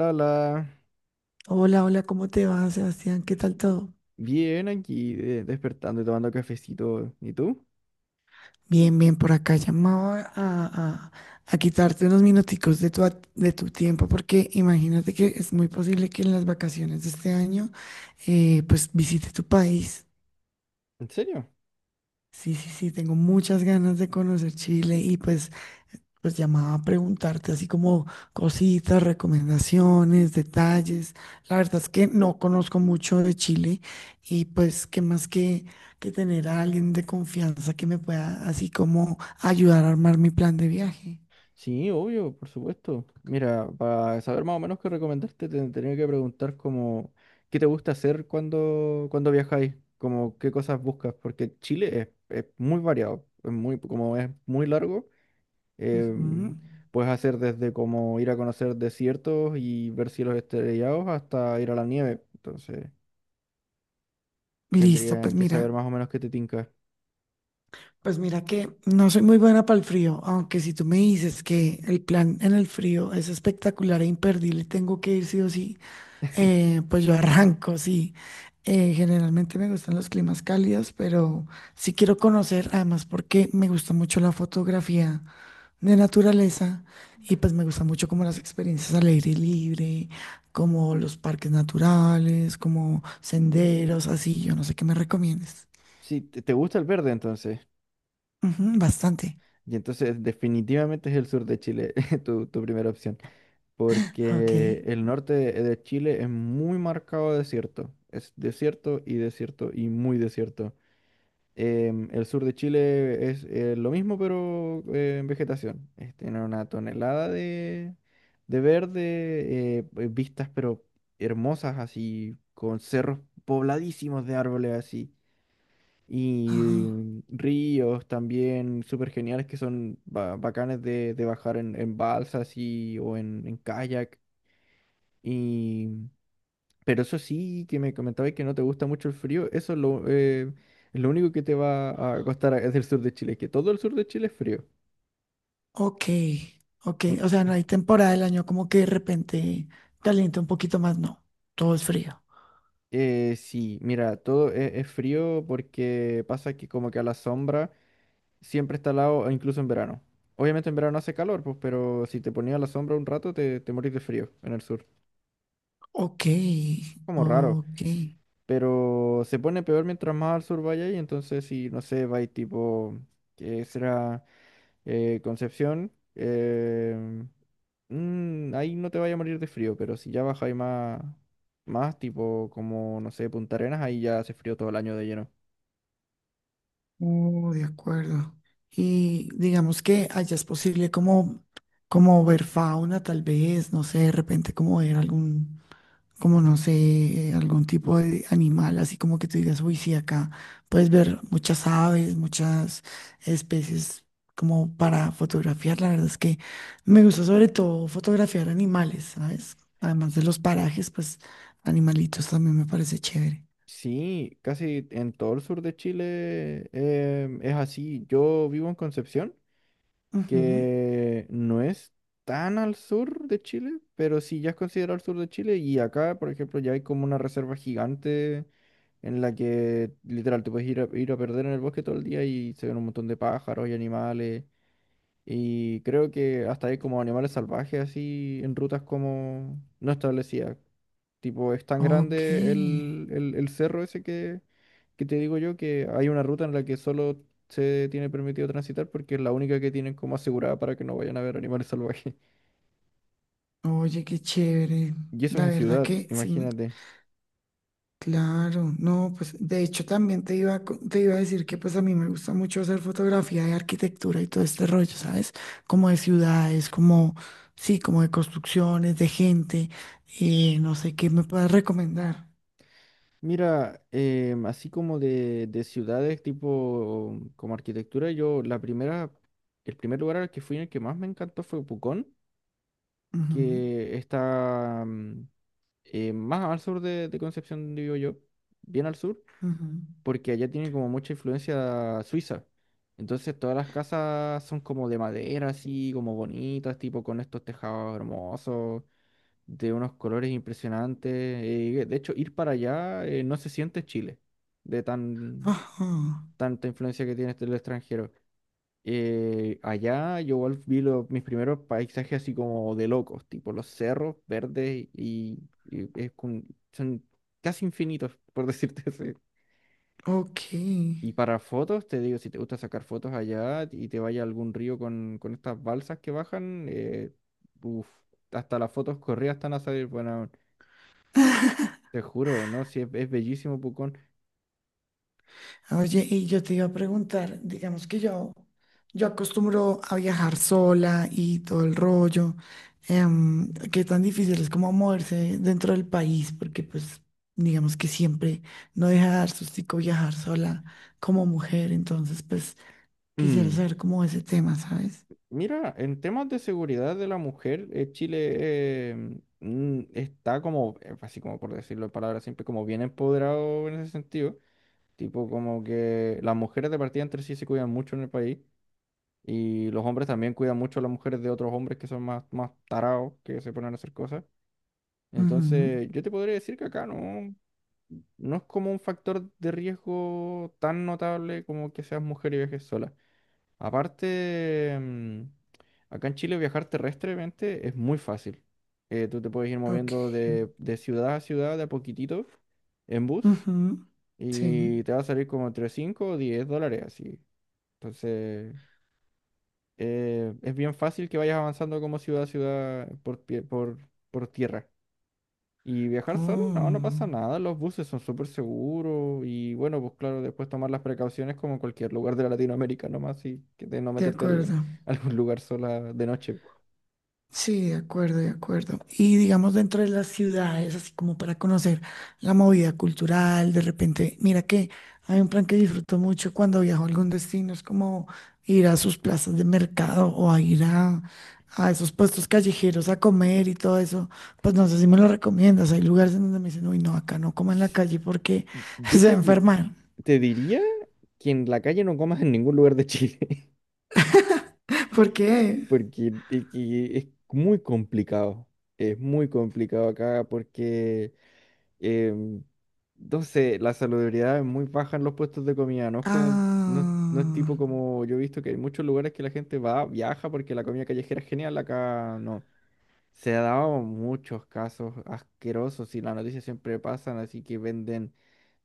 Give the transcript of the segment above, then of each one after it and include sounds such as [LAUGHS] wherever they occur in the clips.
La la, Hola, hola, ¿cómo te va, Sebastián? ¿Qué tal todo? bien aquí, de- despertando y tomando cafecito. ¿Y tú? Bien, bien, por acá llamaba a quitarte unos minuticos de tu tiempo porque imagínate que es muy posible que en las vacaciones de este año pues visite tu país. ¿En serio? Sí, sí, sí, tengo muchas ganas de conocer Chile y pues pues llamaba a preguntarte así como cositas, recomendaciones, detalles. La verdad es que no conozco mucho de Chile y pues qué más que tener a alguien de confianza que me pueda así como ayudar a armar mi plan de viaje. Sí, obvio, por supuesto. Mira, para saber más o menos qué recomendarte, te tenía que preguntar como qué te gusta hacer cuando viajáis, como qué cosas buscas, porque Chile es muy variado, es muy, como es muy largo, em, Ujú. puedes hacer desde como ir a conocer desiertos y ver cielos estrellados hasta ir a la nieve. Entonces, Listo, tendría que saber más o menos qué te tinca. pues mira que no soy muy buena para el frío, aunque si tú me dices que el plan en el frío es espectacular e imperdible, tengo que ir sí o sí. Pues yo arranco, sí. Generalmente me gustan los climas cálidos, pero sí quiero conocer, además porque me gusta mucho la fotografía de naturaleza y pues me gusta mucho como las experiencias al aire libre, como los parques naturales, como senderos, así. Yo no sé qué me recomiendes. Sí, te gusta el verde entonces. Ujú, bastante. Y entonces definitivamente es el sur de Chile [LAUGHS] tu primera opción, Ok. porque el norte de Chile es muy marcado desierto. Es desierto y desierto y muy desierto. El sur de Chile es lo mismo, pero en vegetación. Es- tiene una tonelada de verde, vistas pero hermosas así, con cerros pobladísimos de árboles así. Ajá. Y ríos también súper geniales que son ba- bacanes de bajar en balsas y, o en kayak. Y, pero eso sí, que me comentabas que no te gusta mucho el frío, eso es lo único que te va a costar es [LAUGHS] del sur de Chile, que todo el sur de Chile es frío. Ok. Ok. Eh, O sea, no hay temporada del año como que de repente calienta un poquito más, no. Todo es frío. Sí, mira, todo es frío porque pasa que como que a la sombra siempre está al lado, incluso en verano. Obviamente en verano hace calor, pues, pero si te ponías a la sombra un rato te, te morís de frío en el sur. Ok, Como raro, ok. pero se pone peor mientras más al sur vaya y entonces si, no sé, vais tipo, que será Concepción, ahí no te vaya a morir de frío, pero si ya baja y más, más tipo como, no sé, Punta Arenas, ahí ya hace frío todo el año de lleno. Oh, de acuerdo. Y digamos que allá es posible como, como ver fauna, tal vez, no sé, de repente como ver algún, como no sé, algún tipo de animal, así como que tú digas, uy, sí, acá puedes ver muchas aves, muchas especies como para fotografiar. La verdad es que me gusta sobre todo fotografiar animales, ¿sabes? Además de los parajes, pues animalitos también me parece chévere. Sí, casi en todo el sur de Chile es así. Yo vivo en Concepción. Ujú. Que no es tan al sur de Chile, pero sí ya es considerado al sur de Chile. Y acá, por ejemplo, ya hay como una reserva gigante en la que literal te puedes ir a, ir a perder en el bosque todo el día y se ven un montón de pájaros y animales. Y creo que hasta hay como animales salvajes así en rutas como no establecidas. Tipo, es tan Ok. grande el cerro ese que te digo yo que hay una ruta en la que solo se tiene permitido transitar porque es la única que tienen como asegurada para que no vayan a ver animales salvajes. [LAUGHS] Oye, qué chévere. Y eso es La en verdad ciudad, que sí, me- imagínate. claro. No, pues de hecho también te iba a decir que pues a mí me gusta mucho hacer fotografía de arquitectura y todo este rollo, ¿sabes? Como de ciudades, como, sí, como de construcciones, de gente. Y no sé qué me puedas recomendar. Mira, así como de ciudades tipo como arquitectura, yo la primera, el primer lugar al que fui en el que más me encantó fue Pucón, Ujú, que está más al sur de Concepción, digo yo, bien al sur, ujú. porque allá tienen como mucha influencia suiza. Entonces todas las casas son como de madera, así como bonitas, tipo con estos tejados hermosos, de unos colores impresionantes. De hecho, ir para allá no se siente Chile, de tan, Ajá. tanta influencia que tiene este- el extranjero. Allá yo igual vi lo- mis primeros paisajes así como de locos, tipo los cerros verdes y es con- son casi infinitos, por [LAUGHS] decirte así. Ok. Y para fotos, te digo, si te gusta sacar fotos allá y te vaya a algún río con estas balsas que bajan, uf, hasta las fotos corridas están a salir, bueno, te juro, ¿no? Si es, es bellísimo, Pucón. Oye, y yo te iba a preguntar, digamos que yo acostumbro a viajar sola y todo el rollo, qué tan difícil es como moverse dentro del país, porque pues digamos que siempre no deja de dar sustico viajar sola como mujer, entonces pues quisiera Mm, saber cómo ese tema, ¿sabes? Mira, en temas de seguridad de la mujer, Chile está como, así como por decirlo en palabras siempre como bien empoderado en ese sentido. Tipo como que las mujeres de partida entre sí se cuidan mucho en el país y los hombres también cuidan mucho a las mujeres de otros hombres que son más, más tarados, que se ponen a hacer cosas. Ujú, Entonces, yo te podría decir que acá no, no es como un factor de riesgo tan notable como que seas mujer y viajes sola. Aparte, acá en Chile viajar terrestremente es muy fácil. Tú te puedes ir ok. moviendo de ciudad a ciudad de a poquitito en bus Ujú, sí. y te va a salir como entre 5 o 10 dólares así. Entonces, es bien fácil que vayas avanzando como ciudad a ciudad por, pie- por tierra. Y viajar solo, no, no Oh, pasa nada, los buses son súper seguros y bueno, pues claro, después tomar las precauciones como en cualquier lugar de la Latinoamérica nomás y que de no de meterte al- acuerdo. [LAUGHS] a algún lugar sola de noche. Sí, de acuerdo, de acuerdo. Y digamos dentro de las ciudades, así como para conocer la movida cultural, de repente, mira que hay un plan que disfruto mucho cuando viajo a algún destino, es como ir a sus plazas de mercado o a ir a esos puestos callejeros a comer y todo eso. Pues no sé si me lo recomiendas. Hay lugares en donde me dicen, uy, no, acá no coman en la S- calle porque [LAUGHS] yo se va te, a di- enfermar. te diría que en la calle no comas en ningún lugar de Chile, Porque, [LAUGHS] porque e- que es muy complicado acá porque Em, entonces, la saludabilidad es muy baja en los puestos de comida, no es como, no, es no es ah, tipo como yo he visto que hay muchos lugares que la gente va, viaja porque la comida callejera es genial, acá no. Se ha dado muchos casos asquerosos y las noticias siempre pasan, así que venden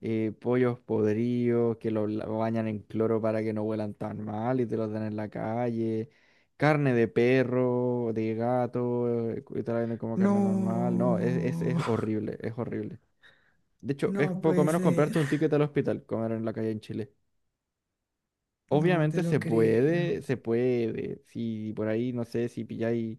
pollos podridos, que los la- bañan en cloro para que no huelan tan mal y te los dan en la calle. Carne de perro, de gato, y te la venden como carne normal. No, no, es horrible, es horrible. De hecho, es no poco puede menos ser. comprarte un ticket al hospital, comer en la calle en Chile. No te Obviamente lo se creo. puede, se puede. Si por ahí, no sé, si pilláis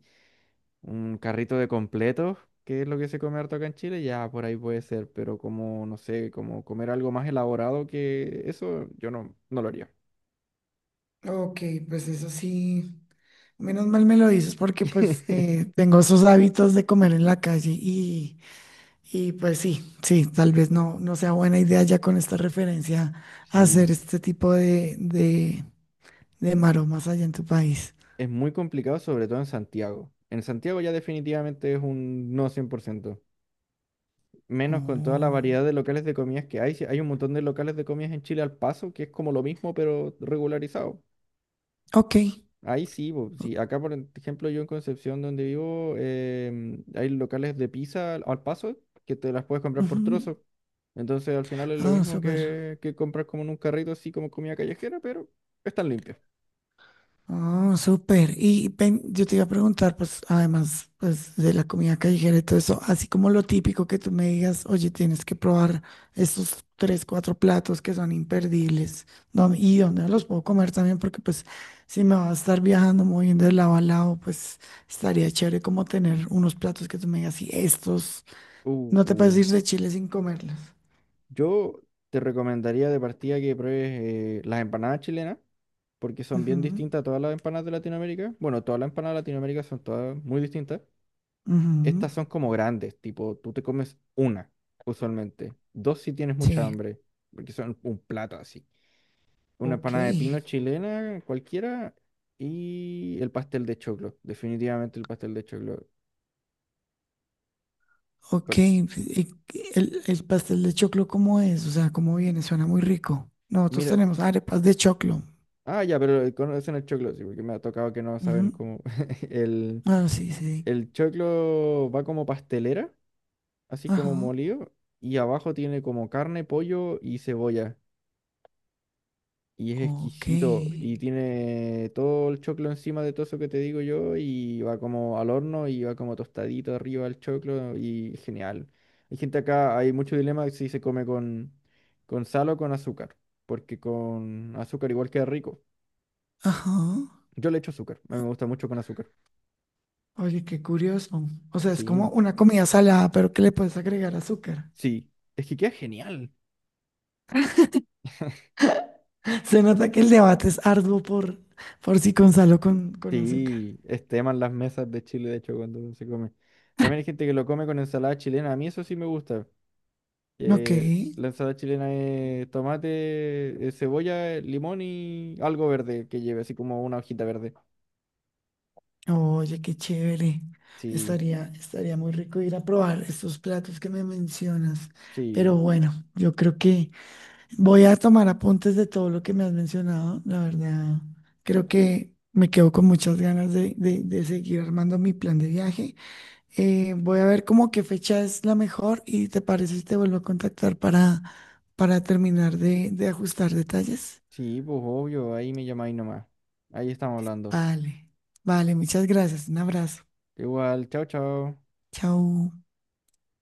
un carrito de completos, que es lo que se come harto acá en Chile, ya por ahí puede ser. Pero como, no sé, como comer algo más elaborado que eso, yo no, no lo haría. Ok, pues eso sí. Menos mal me lo dices porque pues [LAUGHS] tengo esos hábitos de comer en la calle y pues sí, sí, tal vez no, no sea buena idea ya con esta referencia hacer Sí, este tipo de maromas allá en tu país. es muy complicado, sobre todo en Santiago. En Santiago ya definitivamente es un no 100%. Menos con toda la Oh, variedad de locales de comidas que hay. Si hay un montón de locales de comidas en Chile al paso, que es como lo mismo, pero regularizado. ok. Ahí sí, bo, o- sí. Acá, por ejemplo, yo en Concepción, donde vivo, hay locales de pizza al paso que te las puedes comprar por ujú. trozos. Entonces, al final es lo Ah, mismo súper. Que comprar como en un carrito, así como comida callejera, pero están limpias. Oh, súper. Y ven, yo te iba a preguntar, pues, además, pues, de la comida callejera y todo eso, así como lo típico que tú me digas, oye, tienes que probar estos tres, cuatro platos que son imperdibles, ¿dó- y dónde los puedo comer también, porque pues, si me va a estar viajando, moviendo de lado a lado, pues, estaría chévere como tener unos platos que tú me digas, y estos, Uh, no te puedes uh. ir de Chile sin comerlos. Yo te recomendaría de partida que pruebes las empanadas chilenas, porque son bien Ujú, distintas a todas las empanadas de Latinoamérica. Bueno, todas las empanadas de Latinoamérica son todas muy distintas. ujú. Estas son como grandes, tipo, tú te comes una, usualmente. Dos si tienes mucha Sí, hambre, porque son un plato así. Una ok. empanada de pino chilena, cualquiera, y el pastel de choclo, definitivamente el pastel de choclo. Ok, Con- y el pastel de choclo, ¿cómo es? O sea, ¿cómo viene? Suena muy rico. Nosotros mira, tenemos arepas de choclo. ah, ya, pero conocen el choclo, sí, porque me ha tocado que no Ujú. saben cómo [LAUGHS] el... Ah, sí, sí. El choclo va como pastelera, así Ajá. como molido, y abajo tiene como carne, pollo y cebolla. Y es Ok. exquisito, y tiene todo el choclo encima de todo eso que te digo yo, y va como al horno, y va como tostadito arriba el choclo, y genial. Hay gente acá, hay mucho dilema si se come con sal o con azúcar, porque con azúcar igual queda rico. Ajá. Yo le echo azúcar, a mí me gusta mucho con azúcar. Oye, qué curioso. O sea, es como Sí, una comida salada, pero que le puedes agregar azúcar. sí, es que queda genial. [LAUGHS] Se nota que el debate es arduo por si con sal o con azúcar. Sí, esteman las mesas de Chile, de hecho, cuando se come. También hay gente que lo come con ensalada chilena. A mí eso sí me gusta. Ok. Que la ensalada chilena es tomate, cebolla, limón y algo verde que lleve, así como una hojita verde. Oye, qué chévere. Sí, Estaría, estaría muy rico ir a probar estos platos que me mencionas. Pero sí, bueno, yo creo que voy a tomar apuntes de todo lo que me has mencionado. La verdad, creo que me quedo con muchas ganas de seguir armando mi plan de viaje. Voy a ver como qué fecha es la mejor y te parece si te vuelvo a contactar para terminar de ajustar detalles. sí, pues obvio, ahí me llamáis nomás. Ahí estamos hablando. Vale, vale, muchas gracias. Un abrazo. Igual, chao, chao. Chao.